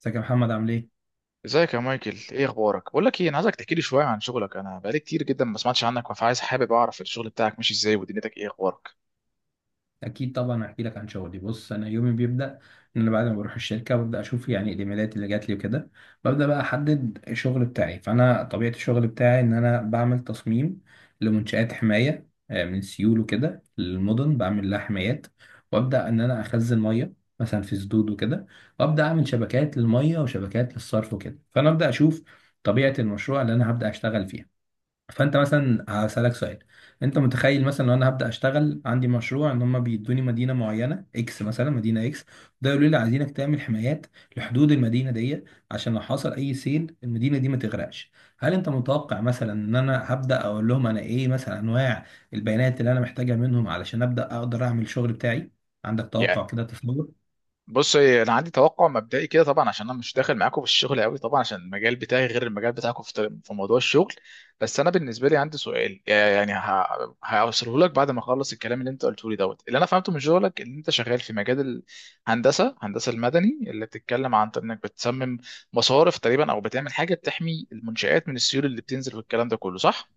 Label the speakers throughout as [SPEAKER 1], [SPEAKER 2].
[SPEAKER 1] ازيك يا محمد عامل ايه؟
[SPEAKER 2] ازيك يا مايكل؟ ايه اخبارك؟ بقول لك ايه، انا عايزك تحكي لي شويه عن شغلك. انا بقالي كتير جدا ما سمعتش عنك، فعايز حابب اعرف الشغل بتاعك ماشي ازاي ودنيتك ايه اخبارك؟
[SPEAKER 1] اكيد طبعا هحكي لك عن شغلي. بص، انا يومي بيبدا ان انا بعد ما بروح الشركه ببدا اشوف يعني الايميلات اللي جات لي وكده. ببدا بقى احدد الشغل بتاعي. فانا طبيعه الشغل بتاعي ان انا بعمل تصميم لمنشات حمايه من سيول وكده للمدن، بعمل لها حمايات، وابدا ان انا اخزن ميه مثلا في سدود وكده، وابدا اعمل شبكات للميه وشبكات للصرف وكده. فانا ابدا اشوف طبيعه المشروع اللي انا هبدا اشتغل فيها. فانت مثلا هسألك سؤال: انت متخيل مثلا لو انا هبدأ اشتغل عندي مشروع ان هم بيدوني مدينة معينة اكس، مثلا مدينة اكس، ده يقولوا لي عايزينك تعمل حمايات لحدود المدينة دي عشان لو حصل اي سيل المدينة دي ما تغرقش، هل انت متوقع مثلا ان انا هبدأ اقول لهم انا ايه مثلا انواع البيانات اللي انا محتاجها منهم علشان أبدأ اقدر اعمل الشغل بتاعي؟ عندك توقع كده، تصور؟
[SPEAKER 2] بص، انا عندي توقع مبدئي كده طبعا عشان انا مش داخل معاكم في الشغل قوي، طبعا عشان المجال بتاعي غير المجال بتاعكم في موضوع الشغل. بس انا بالنسبه لي عندي سؤال، يعني هوصله لك بعد ما اخلص الكلام اللي انت قلته لي. دوت اللي انا فهمته من شغلك ان انت شغال في مجال هندسه المدني، اللي بتتكلم عن انك بتصمم مصارف تقريبا او بتعمل حاجه بتحمي المنشآت من السيول اللي بتنزل، والكلام ده كله صح.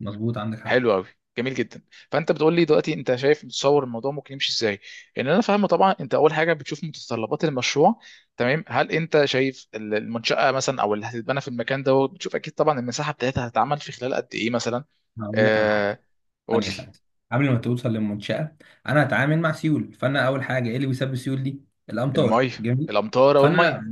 [SPEAKER 1] مظبوط، عندك حق.
[SPEAKER 2] حلو قوي. جميل جدا. فانت بتقول لي دلوقتي انت شايف متصور الموضوع ممكن يمشي ازاي. ان انا فاهمه طبعا انت اول حاجه بتشوف متطلبات المشروع، تمام. هل انت شايف المنشاه مثلا او اللي هتتبنى في المكان ده، بتشوف اكيد طبعا المساحه بتاعتها هتتعمل في خلال قد ايه مثلا؟
[SPEAKER 1] هقول لك على
[SPEAKER 2] آه،
[SPEAKER 1] حاجة.
[SPEAKER 2] قول
[SPEAKER 1] ثانية
[SPEAKER 2] لي.
[SPEAKER 1] ثانية، قبل ما توصل للمنشأة، أنا هتعامل مع سيول، فأنا أول حاجة إيه اللي بيسبب السيول دي؟ الأمطار،
[SPEAKER 2] الميه.
[SPEAKER 1] جميل.
[SPEAKER 2] الامطار او
[SPEAKER 1] فأنا
[SPEAKER 2] الميه.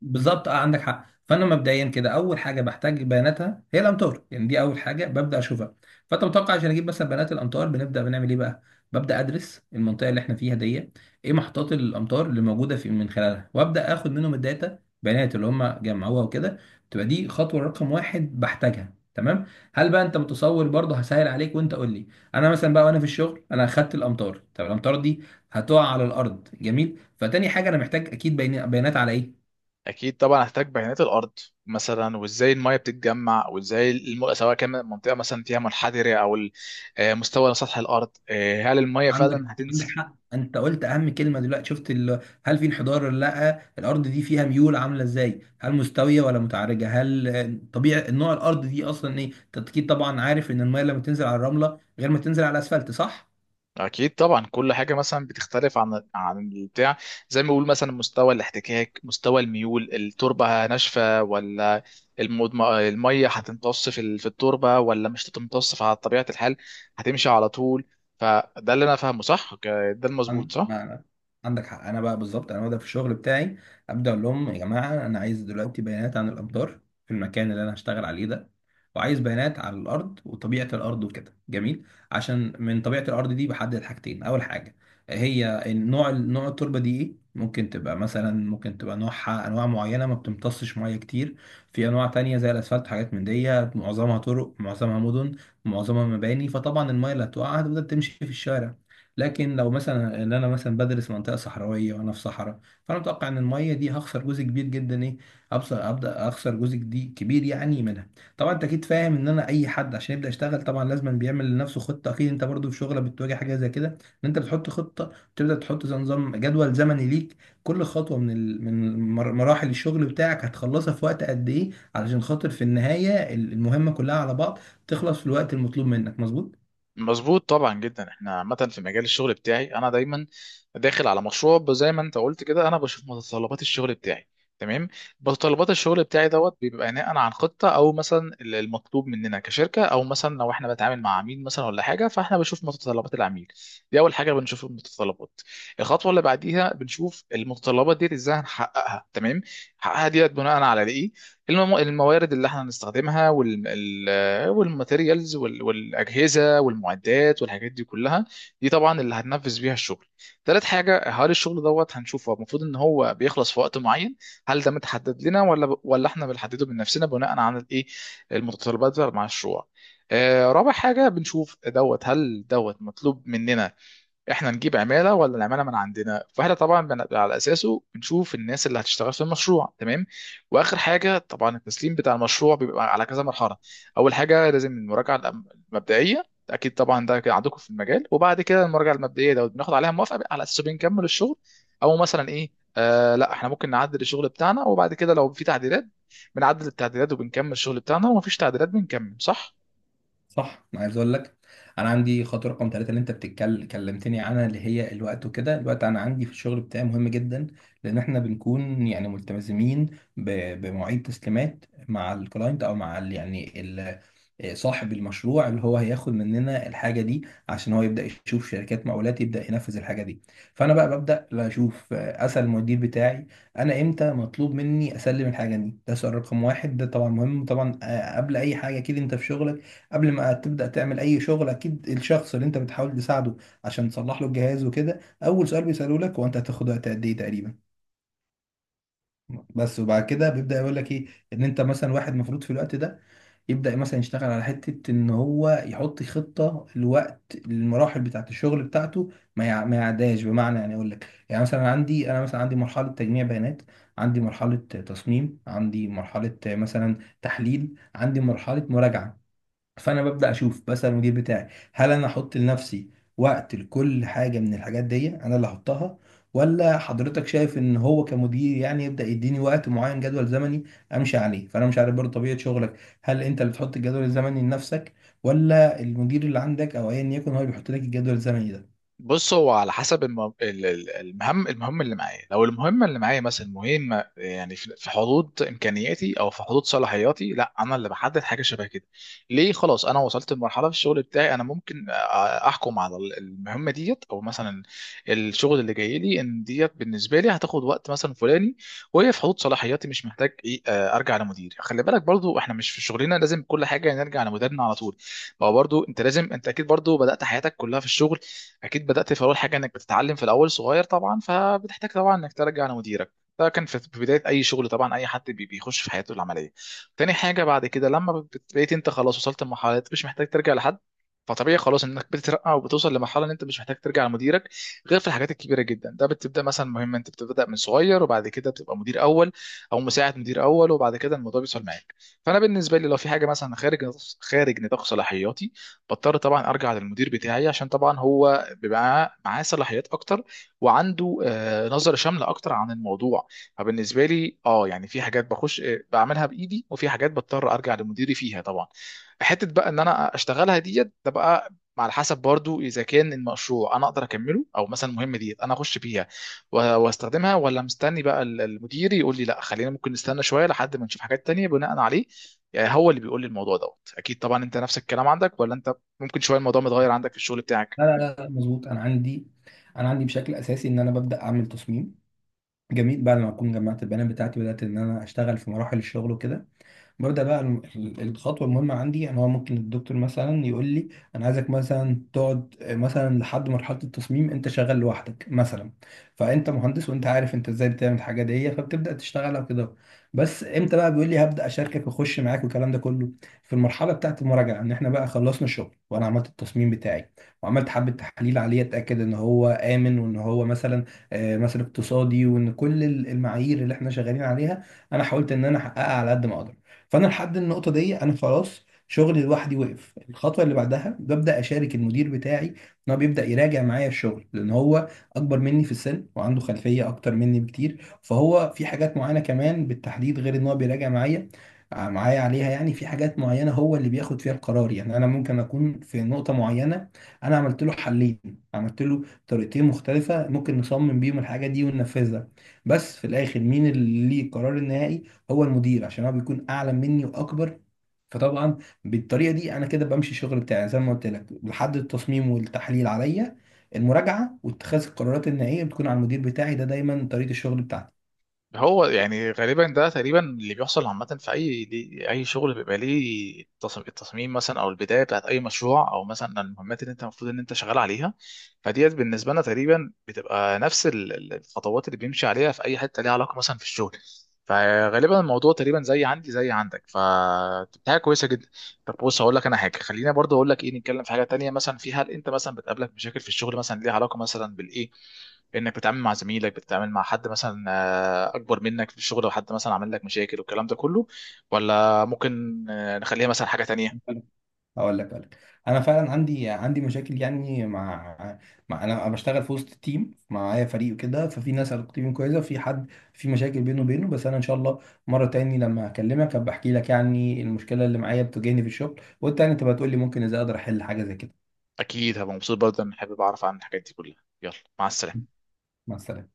[SPEAKER 1] بالظبط، أه عندك حق. فأنا مبدئيا كده أول حاجة بحتاج بياناتها هي الأمطار، يعني دي أول حاجة ببدأ أشوفها. فأنت متوقع عشان أجيب مثلا بيانات الأمطار بنبدأ بنعمل إيه بقى؟ ببدأ أدرس المنطقة اللي إحنا فيها دي، إيه محطات الأمطار اللي موجودة في من خلالها، وأبدأ آخد منهم الداتا، بيانات اللي هم جمعوها وكده. تبقى دي خطوة رقم واحد بحتاجها، تمام؟ هل بقى أنت متصور برضه؟ هسهل عليك وأنت قول لي. انا مثلا بقى وانا في الشغل انا اخدت الامطار، طب الامطار دي هتقع على الارض، جميل. فتاني حاجه انا محتاج اكيد بيانات على ايه؟
[SPEAKER 2] اكيد طبعا هحتاج بيانات الارض مثلا، وازاي الميه بتتجمع، وازاي سواء كان منطقه مثلا فيها منحدره او مستوى سطح الارض، هل الميه
[SPEAKER 1] عندك
[SPEAKER 2] فعلا
[SPEAKER 1] عندك
[SPEAKER 2] هتنزل.
[SPEAKER 1] حق، انت قلت اهم كلمه دلوقتي، شفت هل في انحدار ولا لا، الارض دي فيها ميول عامله ازاي، هل مستويه ولا متعرجه، هل طبيعي، نوع الارض دي اصلا ايه. انت اكيد طبعا عارف ان الميه لما تنزل على الرمله غير ما تنزل على الاسفلت، صح؟
[SPEAKER 2] اكيد طبعا كل حاجه مثلا بتختلف عن البتاع. زي ما بيقول مثلا مستوى الاحتكاك، مستوى الميول، التربه ناشفه ولا الميه هتمتص في التربه ولا مش هتمتص؟ على طبيعه الحال هتمشي على طول. فده اللي انا فاهمه، صح؟ ده المظبوط،
[SPEAKER 1] عن-
[SPEAKER 2] صح؟
[SPEAKER 1] ما- أنا- عندك حق. انا بقى بالظبط انا ببدا في الشغل بتاعي، ابدا اقول لهم يا جماعه انا عايز دلوقتي بيانات عن الامطار في المكان اللي انا هشتغل عليه ده، وعايز بيانات عن الارض وطبيعه الارض وكده، جميل. عشان من طبيعه الارض دي بحدد حاجتين: اول حاجه هي النوع، نوع التربه دي ايه، ممكن تبقى مثلا ممكن تبقى نوعها انواع معينه ما بتمتصش ميه كتير. في انواع تانية زي الاسفلت وحاجات من دي، معظمها طرق، معظمها مدن، معظمها مباني. فطبعا الميه اللي هتقع هتبدا تمشي في الشارع. لكن لو مثلا ان انا مثلا بدرس منطقه صحراويه وانا في صحراء، فانا متوقع ان الميه دي هخسر جزء كبير جدا، ايه، ابصر ابدا اخسر جزء دي كبير يعني منها. طبعا انت اكيد فاهم ان انا اي حد عشان يبدا يشتغل طبعا لازم بيعمل لنفسه خطه. اكيد انت برضو في شغلك بتواجه حاجه زي كده، ان انت بتحط خطه، تبدا تحط زي نظام جدول زمني ليك، كل خطوه من مراحل الشغل بتاعك هتخلصها في وقت قد ايه، علشان خاطر في النهايه المهمه كلها على بعض تخلص في الوقت المطلوب منك، مظبوط؟
[SPEAKER 2] مظبوط طبعا جدا. احنا عامه في مجال الشغل بتاعي انا دايما داخل على مشروع، زي ما انت قلت كده، انا بشوف متطلبات الشغل بتاعي، تمام. متطلبات الشغل بتاعي دوت بيبقى بناء عن خطه، او مثلا المطلوب مننا كشركه، او مثلا لو احنا بنتعامل مع عميل مثلا ولا حاجه، فاحنا بنشوف متطلبات العميل. دي اول حاجه بنشوف المتطلبات. الخطوه اللي بعديها بنشوف المتطلبات دي ازاي هنحققها، تمام. نحققها ديت بناء على ايه؟ الموارد اللي احنا هنستخدمها، والماتيريالز والاجهزه والمعدات والحاجات دي كلها، دي طبعا اللي هننفذ بيها الشغل. تالت حاجه، هل الشغل دوت هنشوفه المفروض ان هو بيخلص في وقت معين؟ هل ده متحدد لنا ولا احنا بنحدده من نفسنا بناء على الايه، المتطلبات بتاع المشروع؟ رابع حاجه بنشوف دوت، هل دوت مطلوب مننا احنا نجيب عماله ولا العماله من عندنا؟ فاحنا طبعا على اساسه بنشوف الناس اللي هتشتغل في المشروع، تمام. واخر حاجه طبعا التسليم بتاع المشروع بيبقى على كذا مرحله. اول حاجه لازم المراجعه المبدئيه، اكيد طبعا ده كده عندكم في المجال. وبعد كده المراجعه المبدئيه ده بناخد عليها موافقه، على اساسه بنكمل الشغل، او مثلا ايه، آه لا، احنا ممكن نعدل الشغل بتاعنا. وبعد كده لو في تعديلات بنعدل التعديلات وبنكمل الشغل بتاعنا، ومفيش تعديلات بنكمل، صح.
[SPEAKER 1] صح. انا عايز اقول لك انا عندي خطوه رقم ثلاثة اللي انت بتتكلم كلمتني عنها، اللي هي الوقت وكده. الوقت انا عندي في الشغل بتاعي مهم جدا، لان احنا بنكون يعني ملتزمين بمواعيد تسليمات مع الكلاينت او مع ال يعني ال صاحب المشروع اللي هو هياخد مننا الحاجه دي عشان هو يبدا يشوف شركات مقاولات يبدا ينفذ الحاجه دي. فانا بقى ببدا لا اشوف، اسال المدير بتاعي انا امتى مطلوب مني اسلم الحاجه دي، ده سؤال رقم واحد، ده طبعا مهم طبعا. قبل اي حاجه كده، انت في شغلك قبل ما تبدأ تعمل أي شغل، أكيد الشخص اللي أنت بتحاول تساعده عشان تصلح له الجهاز وكده، أول سؤال بيسأله لك هو أنت هتاخد وقت قد إيه تقريبا. بس وبعد كده بيبدأ يقول لك إيه، إن أنت مثلا واحد المفروض في الوقت ده يبدأ مثلا يشتغل على حتة إن هو يحط خطة لوقت المراحل بتاعة الشغل بتاعته ما يعداش، بمعنى يعني أقول لك يعني مثلا عندي، أنا مثلا عندي مرحلة تجميع بيانات، عندي مرحلة تصميم، عندي مرحلة مثلا تحليل، عندي مرحلة مراجعة. فانا ببدا اشوف، بسال المدير بتاعي هل انا احط لنفسي وقت لكل حاجه من الحاجات دي، انا اللي احطها، ولا حضرتك شايف ان هو كمدير يعني يبدا يديني وقت معين جدول زمني امشي عليه. فانا مش عارف برضه طبيعه شغلك، هل انت اللي بتحط الجدول الزمني لنفسك، ولا المدير اللي عندك او ايا يكن هو اللي بيحط لك الجدول الزمني ده؟
[SPEAKER 2] بص، هو على حسب المهم اللي معايا. لو المهمه اللي معايا مثلا مهمه، يعني في حدود امكانياتي او في حدود صلاحياتي، لا انا اللي بحدد حاجه شبه كده. ليه؟ خلاص انا وصلت لمرحله في الشغل بتاعي انا ممكن احكم على المهمه ديت، او مثلا الشغل اللي جاي لي ان ديت بالنسبه لي هتاخد وقت مثلا فلاني، وهي في حدود صلاحياتي، مش محتاج ايه آه، ارجع لمديري. خلي بالك برضو احنا مش في شغلنا لازم كل حاجه نرجع لمديرنا على طول. ما هو برضو انت لازم، انت اكيد برضو بدأت حياتك كلها في الشغل، اكيد بدات في اول حاجه انك بتتعلم في الاول صغير طبعا، فبتحتاج طبعا انك ترجع لمديرك. ده كان في بدايه اي شغل طبعا، اي حد بيخش في حياته العمليه. تاني حاجه بعد كده لما بقيت انت خلاص وصلت لمرحله مش محتاج ترجع لحد، فطبيعي خلاص انك بتترقى وبتوصل لمرحله ان انت مش محتاج ترجع لمديرك، غير في الحاجات الكبيره جدا. ده بتبدا مثلا مهمه، انت بتبدا من صغير وبعد كده بتبقى مدير اول او مساعد مدير اول، وبعد كده الموضوع بيوصل معاك. فانا بالنسبه لي لو في حاجه مثلا خارج نطاق صلاحياتي، بضطر طبعا ارجع للمدير بتاعي عشان طبعا هو بيبقى معاه صلاحيات اكتر، وعنده نظرة شاملة اكتر عن الموضوع. فبالنسبة لي اه يعني في حاجات بخش بعملها بايدي، وفي حاجات بضطر ارجع لمديري فيها طبعا. حتة بقى ان انا اشتغلها ديت ده بقى على حسب برضو، اذا كان المشروع انا اقدر اكمله، او مثلا المهمه ديت انا اخش فيها واستخدمها، ولا مستني بقى المدير يقول لي لا خلينا، ممكن نستنى شويه لحد ما نشوف حاجات تانية بناء عليه. يعني هو اللي بيقول لي الموضوع دوت. اكيد طبعا انت نفس الكلام عندك، ولا انت ممكن شويه الموضوع متغير عندك في الشغل بتاعك؟
[SPEAKER 1] لا لا لا، مظبوط. انا عندي بشكل اساسي ان انا ببدا اعمل تصميم، جميل. بعد ما اكون جمعت البيانات بتاعتي بدات ان انا اشتغل في مراحل الشغل وكده، ببدأ بقى الخطوة المهمة عندي أنا هو ممكن الدكتور مثلا يقول لي أنا عايزك مثلا تقعد مثلا لحد مرحلة التصميم أنت شغال لوحدك مثلا، فأنت مهندس وأنت عارف أنت إزاي بتعمل الحاجة دي، فبتبدأ تشتغل على كده. بس إمتى بقى بيقول لي هبدأ أشاركك وأخش معاك والكلام ده كله؟ في المرحلة بتاعة المراجعة، إن إحنا بقى خلصنا الشغل وأنا عملت التصميم بتاعي وعملت حبة تحاليل عليه، أتأكد إن هو آمن وإن هو مثلا مثلا اقتصادي، وإن كل المعايير اللي إحنا شغالين عليها أنا حاولت إن أنا أحققها على قد ما أقدر. فانا لحد النقطه دي انا خلاص شغلي لوحدي وقف، الخطوه اللي بعدها ببدا اشارك المدير بتاعي، ان هو بيبدا يراجع معايا الشغل، لان هو اكبر مني في السن وعنده خلفيه اكتر مني بكتير، فهو في حاجات معينه كمان بالتحديد غير ان هو بيراجع معايا معايا عليها، يعني في حاجات معينه هو اللي بياخد فيها القرار. يعني انا ممكن اكون في نقطه معينه انا عملت له حلين، عملت له طريقتين مختلفه ممكن نصمم بيهم الحاجه دي وننفذها، بس في الاخر مين اللي ليه القرار النهائي؟ هو المدير، عشان هو بيكون اعلى مني واكبر. فطبعا بالطريقه دي انا كده بمشي الشغل بتاعي زي ما قلت لك، لحد التصميم والتحليل عليا، المراجعه واتخاذ القرارات النهائيه بتكون على المدير بتاعي، ده دايما طريقه الشغل
[SPEAKER 2] هو يعني غالبا ده تقريبا اللي بيحصل عامه في اي دي اي شغل بيبقى ليه التصميم مثلا، او البدايه بتاعت اي مشروع، او مثلا المهمات اللي انت المفروض ان انت شغال عليها. فديت بالنسبه لنا تقريبا بتبقى نفس الخطوات اللي بيمشي عليها في اي حته ليها علاقه مثلا في الشغل. فغالبا الموضوع تقريبا زي عندي زي عندك، فبتاعه كويسه جدا. طب بص، هقول لك انا حاجه، خلينا برضه اقول لك ايه، نتكلم في حاجه تانيه مثلا. في، هل انت مثلا بتقابلك مشاكل في الشغل مثلا ليها علاقه مثلا بالايه، انك بتتعامل مع زميلك، بتتعامل مع حد مثلا اكبر منك في الشغل، او حد مثلا عامل لك مشاكل والكلام ده كله؟ ولا ممكن نخليها مثلا حاجة تانية؟
[SPEAKER 1] بتاعتي. اقول لك انا فعلا عندي مشاكل يعني مع انا بشتغل في وسط التيم، معايا فريق وكده، ففي ناس علاقتي بيهم كويسه وفي حد في مشاكل بينه وبينه، بس انا ان شاء الله مره تاني لما اكلمك هبقى احكي لك يعني المشكله اللي معايا بتواجهني في الشغل، وانت يعني تبقى تقول لي ممكن ازاي اقدر احل حاجه زي كده.
[SPEAKER 2] اكيد هبقى مبسوط برضه ان حابب اعرف عن الحاجات دي كلها. يلا، مع السلامة.
[SPEAKER 1] مع السلامه.